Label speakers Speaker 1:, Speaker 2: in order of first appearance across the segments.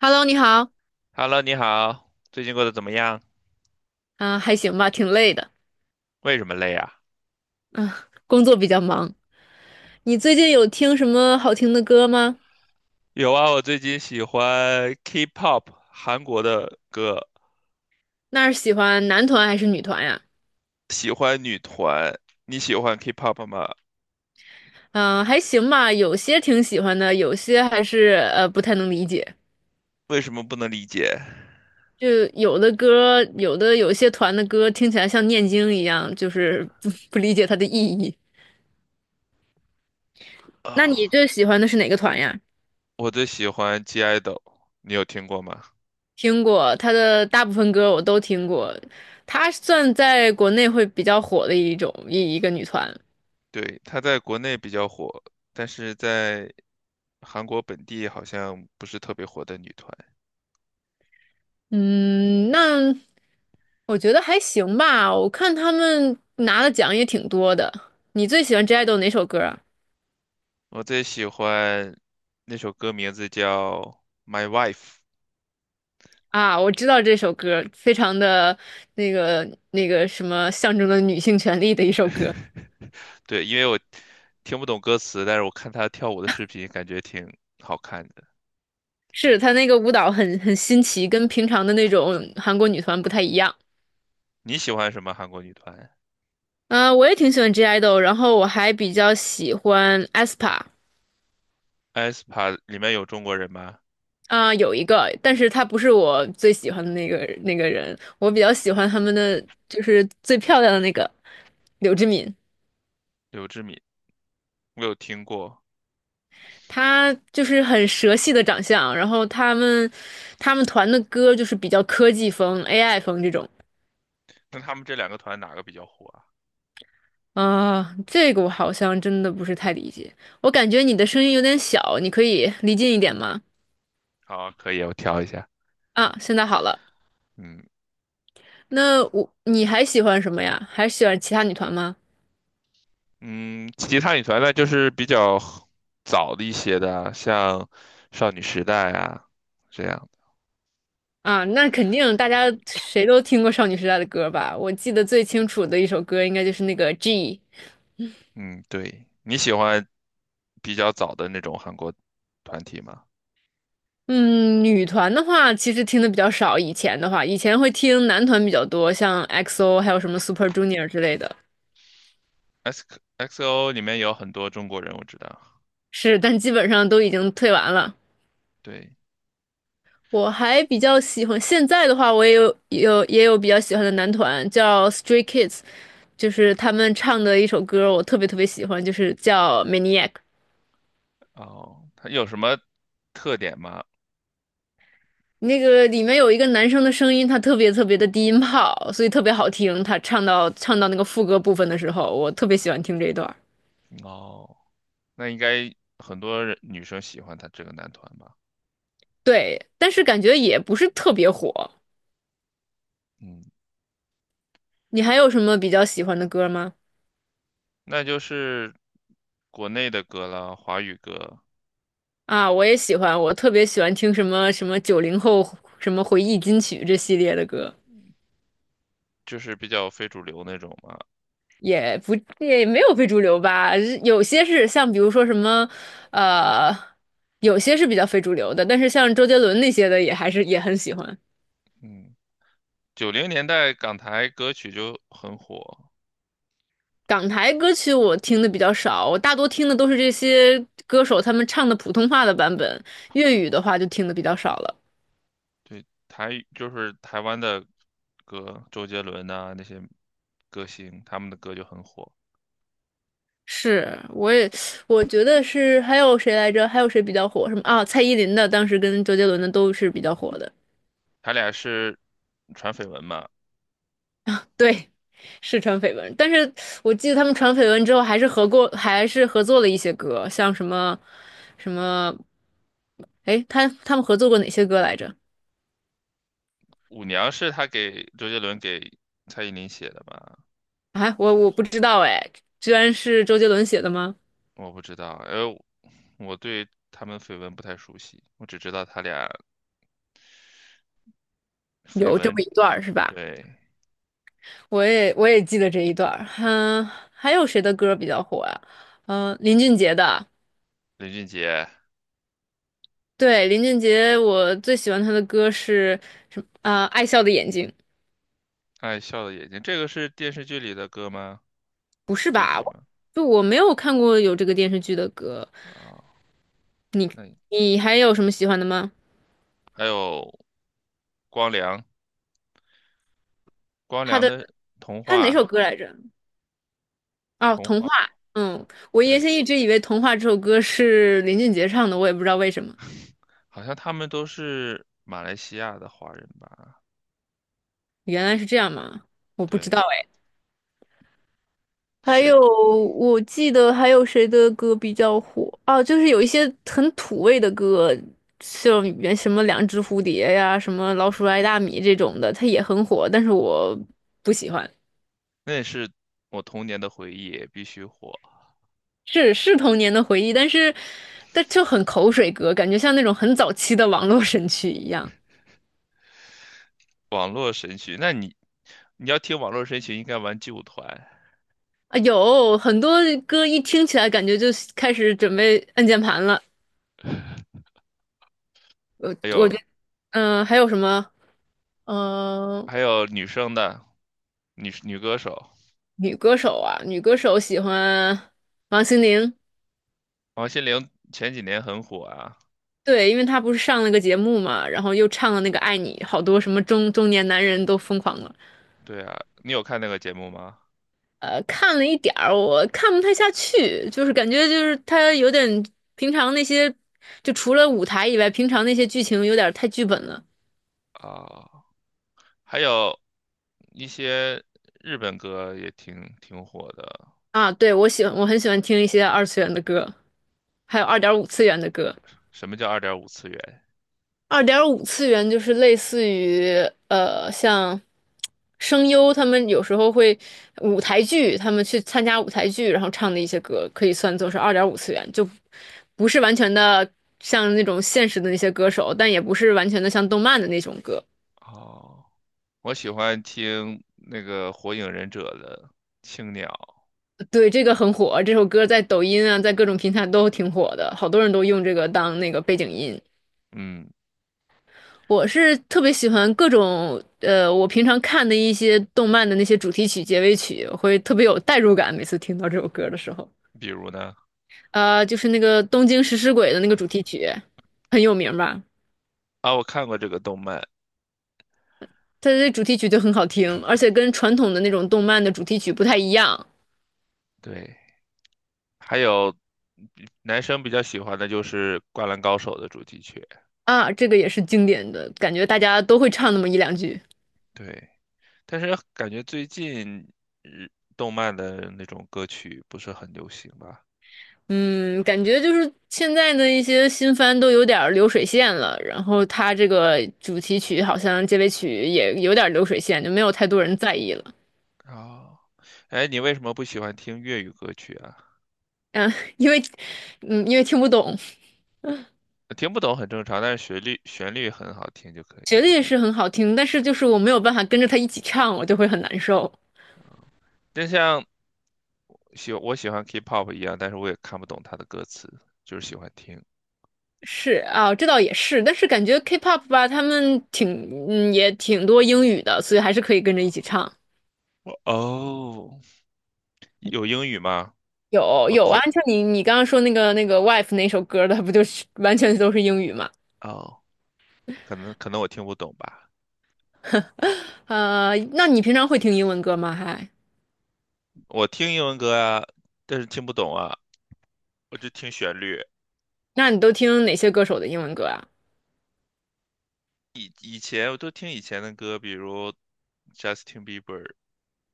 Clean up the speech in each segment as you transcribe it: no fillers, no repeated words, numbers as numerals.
Speaker 1: Hello，你好。
Speaker 2: Hello，你好，最近过得怎么样？
Speaker 1: 啊，还行吧，挺累的。
Speaker 2: 为什么累啊？
Speaker 1: 嗯，工作比较忙。你最近有听什么好听的歌吗？
Speaker 2: 有啊，我最近喜欢 K-pop，韩国的歌，
Speaker 1: 那是喜欢男团还是女团呀？
Speaker 2: 喜欢女团。你喜欢 K-pop 吗？
Speaker 1: 嗯，还行吧，有些挺喜欢的，有些还是不太能理解。
Speaker 2: 为什么不能理解？
Speaker 1: 就有的歌，有些团的歌听起来像念经一样，就是不 不理解它的意义。那
Speaker 2: 啊、
Speaker 1: 你最喜欢的是哪个团呀？
Speaker 2: 我最喜欢 g i d o 你有听过吗？
Speaker 1: 听过他的大部分歌我都听过，他算在国内会比较火的一种一一个女团。
Speaker 2: 对，他在国内比较火，但是在韩国本地好像不是特别火的女团。
Speaker 1: 嗯，那我觉得还行吧。我看他们拿的奖也挺多的。你最喜欢 J i d o 哪首歌啊？
Speaker 2: 我最喜欢那首歌名字叫《My Wife》。
Speaker 1: 啊，我知道这首歌，非常的那个什么，象征了女性权利的一首歌。
Speaker 2: 对，因为我听不懂歌词，但是我看她跳舞的视频，感觉挺好看的。
Speaker 1: 是他那个舞蹈很新奇，跟平常的那种韩国女团不太一样。
Speaker 2: 你喜欢什么韩国女团
Speaker 1: 嗯、我也挺喜欢 J i d o 然后我还比较喜欢 aespa。
Speaker 2: ？aespa 里面有中国人吗？
Speaker 1: 啊、有一个，但是他不是我最喜欢的那个人，我比较喜欢他们的就是最漂亮的那个柳智敏，
Speaker 2: 刘智敏，我有听过。
Speaker 1: 她就是很蛇系的长相，然后他们团的歌就是比较科技风、AI 风这种。
Speaker 2: 那他们这两个团哪个比较火啊？
Speaker 1: 啊、这个我好像真的不是太理解，我感觉你的声音有点小，你可以离近一点吗？
Speaker 2: 好，可以，我挑一下。
Speaker 1: 啊，现在好了，
Speaker 2: 嗯
Speaker 1: 那你还喜欢什么呀？还喜欢其他女团吗？
Speaker 2: 嗯，其他女团呢，就是比较早的一些的啊像少女时代啊这样。
Speaker 1: 啊，那肯定，大家谁都听过少女时代的歌吧？我记得最清楚的一首歌应该就是那个《G》。
Speaker 2: 嗯，对，你喜欢比较早的那种韩国团体吗
Speaker 1: 嗯，女团的话其实听的比较少，以前的话，以前会听男团比较多，像 XO 还有什么 Super Junior 之类的。
Speaker 2: ？X XO 里面有很多中国人，我知道。
Speaker 1: 是，但基本上都已经退完了。
Speaker 2: 对，
Speaker 1: 我还比较喜欢，现在的话我也有比较喜欢的男团叫 Stray Kids，就是他们唱的一首歌我特别特别喜欢，就是叫《Maniac》。
Speaker 2: 哦，他有什么特点吗？
Speaker 1: 那个里面有一个男生的声音，他特别特别的低音炮，所以特别好听。他唱到那个副歌部分的时候，我特别喜欢听这一段。
Speaker 2: 哦，那应该很多人女生喜欢他这个男团吧？
Speaker 1: 对，但是感觉也不是特别火。
Speaker 2: 嗯，
Speaker 1: 你还有什么比较喜欢的歌吗？
Speaker 2: 那就是国内的歌了，华语歌，
Speaker 1: 啊，我也喜欢，我特别喜欢听什么什么九零后什么回忆金曲这系列的歌，
Speaker 2: 就是比较非主流那种嘛。
Speaker 1: 也不也没有非主流吧，有些是像比如说什么，呃，有些是比较非主流的，但是像周杰伦那些的也还是也很喜欢。
Speaker 2: 嗯，九零年代港台歌曲就很火，
Speaker 1: 港台歌曲我听的比较少，我大多听的都是这些歌手他们唱的普通话的版本，粤语的话就听的比较少了。
Speaker 2: 对，台语就是台湾的歌，周杰伦呐、那些歌星，他们的歌就很火。
Speaker 1: 是，我觉得是，还有谁来着？还有谁比较火？什么啊？蔡依林的，当时跟周杰伦的都是比较火的。
Speaker 2: 他俩是传绯闻嘛，
Speaker 1: 对，是传绯闻，但是我记得他们传绯闻之后，还是合过，还是合作了一些歌，像什么什么，哎，他们合作过哪些歌来着？
Speaker 2: 《舞娘》是他给周杰伦给蔡依林写的吧？
Speaker 1: 啊，我不
Speaker 2: 是
Speaker 1: 知道哎，居然是周杰伦写的吗？
Speaker 2: 我不知道，呃，我对他们绯闻不太熟悉，我只知道他俩绯
Speaker 1: 有这
Speaker 2: 闻。
Speaker 1: 么一段儿是吧？
Speaker 2: 对，
Speaker 1: 我也记得这一段儿。嗯，还有谁的歌比较火呀？林俊杰的。
Speaker 2: 林俊杰
Speaker 1: 对，林俊杰，我最喜欢他的歌是什么？啊、爱笑的眼睛。
Speaker 2: 《爱笑的眼睛》，这个是电视剧里的歌吗？
Speaker 1: 不
Speaker 2: 主
Speaker 1: 是
Speaker 2: 题
Speaker 1: 吧？
Speaker 2: 曲
Speaker 1: 我
Speaker 2: 吗？
Speaker 1: 就我没有看过有这个电视剧的歌。
Speaker 2: 啊、那
Speaker 1: 你还有什么喜欢的吗？
Speaker 2: 还有光良，光
Speaker 1: 他
Speaker 2: 良
Speaker 1: 的
Speaker 2: 的童
Speaker 1: 他是哪首
Speaker 2: 话，
Speaker 1: 歌来着？哦，
Speaker 2: 童
Speaker 1: 童话。
Speaker 2: 话，
Speaker 1: 嗯，
Speaker 2: 嗯
Speaker 1: 我原
Speaker 2: 对，
Speaker 1: 先一直以为《童话》这首歌是林俊杰唱的，我也不知道为什么。
Speaker 2: 好像他们都是马来西亚的华人吧？
Speaker 1: 原来是这样吗？我不知
Speaker 2: 对，
Speaker 1: 道。
Speaker 2: 是，
Speaker 1: 我记得还有谁的歌比较火啊？就是有一些很土味的歌，像什么两只蝴蝶呀、什么老鼠爱大米这种的，它也很火，但是我不喜欢。
Speaker 2: 那也是我童年的回忆，必须火。
Speaker 1: 是童年的回忆，但是就很口水歌，感觉像那种很早期的网络神曲一样
Speaker 2: 网络神曲，那你你要听网络神曲，应该玩劲舞团，
Speaker 1: 啊。有很多歌一听起来感觉就开始准备按键盘了。我
Speaker 2: 还
Speaker 1: 我
Speaker 2: 有
Speaker 1: 觉得还有什么？嗯、
Speaker 2: 还有女生的女歌手，
Speaker 1: 女歌手啊，女歌手喜欢王心凌，
Speaker 2: 王心凌前几年很火啊。
Speaker 1: 对，因为她不是上了个节目嘛，然后又唱了那个《爱你》，好多什么中年男人都疯狂了。
Speaker 2: 对啊，你有看那个节目吗？
Speaker 1: 看了一点儿，我看不太下去，就是感觉就是她有点平常那些，就除了舞台以外，平常那些剧情有点太剧本了
Speaker 2: 啊，还有一些日本歌也挺火的。
Speaker 1: 啊。对，我喜欢，我很喜欢听一些二次元的歌，还有二点五次元的歌。
Speaker 2: 什么叫二点五次元？
Speaker 1: 二点五次元就是类似于像声优他们有时候会舞台剧，他们去参加舞台剧，然后唱的一些歌，可以算作是二点五次元，就不是完全的像那种现实的那些歌手，但也不是完全的像动漫的那种歌。
Speaker 2: 哦，我喜欢听那个《火影忍者》的青鸟。
Speaker 1: 对，这个很火，这首歌在抖音啊，在各种平台都挺火的，好多人都用这个当那个背景音。
Speaker 2: 嗯，
Speaker 1: 我是特别喜欢各种我平常看的一些动漫的那些主题曲、结尾曲，会特别有代入感。每次听到这首歌的时候，
Speaker 2: 比如呢？
Speaker 1: 就是那个《东京食尸鬼》的那个主题曲，很有名吧？
Speaker 2: 啊，我看过这个动漫，
Speaker 1: 它的主题曲就很好听，而且跟传统的那种动漫的主题曲不太一样。
Speaker 2: 对。还有男生比较喜欢的就是《灌篮高手》的主题曲，
Speaker 1: 啊，这个也是经典的，感觉大家都会唱那么一两句。
Speaker 2: 对。但是感觉最近日动漫的那种歌曲不是很流行吧？
Speaker 1: 嗯，感觉就是现在的一些新番都有点儿流水线了，然后他这个主题曲好像结尾曲也有点儿流水线，就没有太多人在意了。
Speaker 2: 哦，哎，你为什么不喜欢听粤语歌曲啊？
Speaker 1: 嗯，因为，因为听不懂，
Speaker 2: 听不懂很正常，但是旋律很好听就可以
Speaker 1: 旋
Speaker 2: 了。
Speaker 1: 律是很好听，但是就是我没有办法跟着他一起唱，我就会很难受。
Speaker 2: 就像我喜欢 K-pop 一样，但是我也看不懂它的歌词，就是喜欢听。
Speaker 1: 是啊，这倒也是，但是感觉 K-pop 吧，他们挺，也挺多英语的，所以还是可以跟着一起唱。
Speaker 2: 哦，有英语吗？
Speaker 1: 有
Speaker 2: 我
Speaker 1: 有啊，
Speaker 2: 听
Speaker 1: 像你刚刚说那个 Wife 那首歌的，不就是完全都是英语吗？
Speaker 2: 哦，可能我听不懂吧。
Speaker 1: 那你平常会听英文歌吗？
Speaker 2: 我听英文歌啊，但是听不懂啊，我就听旋律。
Speaker 1: 那你都听哪些歌手的英文歌啊？
Speaker 2: 以前我都听以前的歌，比如 Justin Bieber,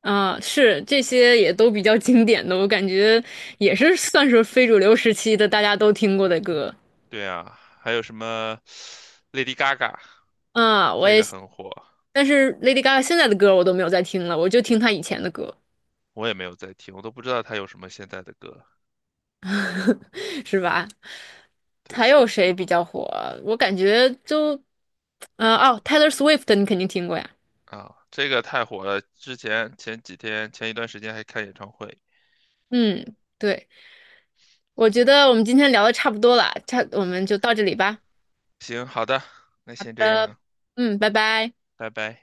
Speaker 1: 啊，是这些也都比较经典的，我感觉也是算是非主流时期的大家都听过的歌。
Speaker 2: 对啊，还有什么 Lady Gaga,
Speaker 1: 啊，
Speaker 2: 这个很火，
Speaker 1: 但是 Lady Gaga 现在的歌我都没有再听了，我就听她以前的歌，
Speaker 2: 我也没有在听，我都不知道她有什么现在的歌。
Speaker 1: 是吧？
Speaker 2: 对
Speaker 1: 还有谁比较火？我感觉就，哦，Taylor Swift 你肯定听过呀。
Speaker 2: 啊，这个太火了，之前前几天前一段时间还看演唱会。
Speaker 1: 嗯，对，我
Speaker 2: 嗯，
Speaker 1: 觉得我们今天聊的差不多了，我们就到这里吧。
Speaker 2: 行，好的，那
Speaker 1: 好
Speaker 2: 先这
Speaker 1: 的。
Speaker 2: 样，
Speaker 1: 嗯，拜拜。
Speaker 2: 拜拜。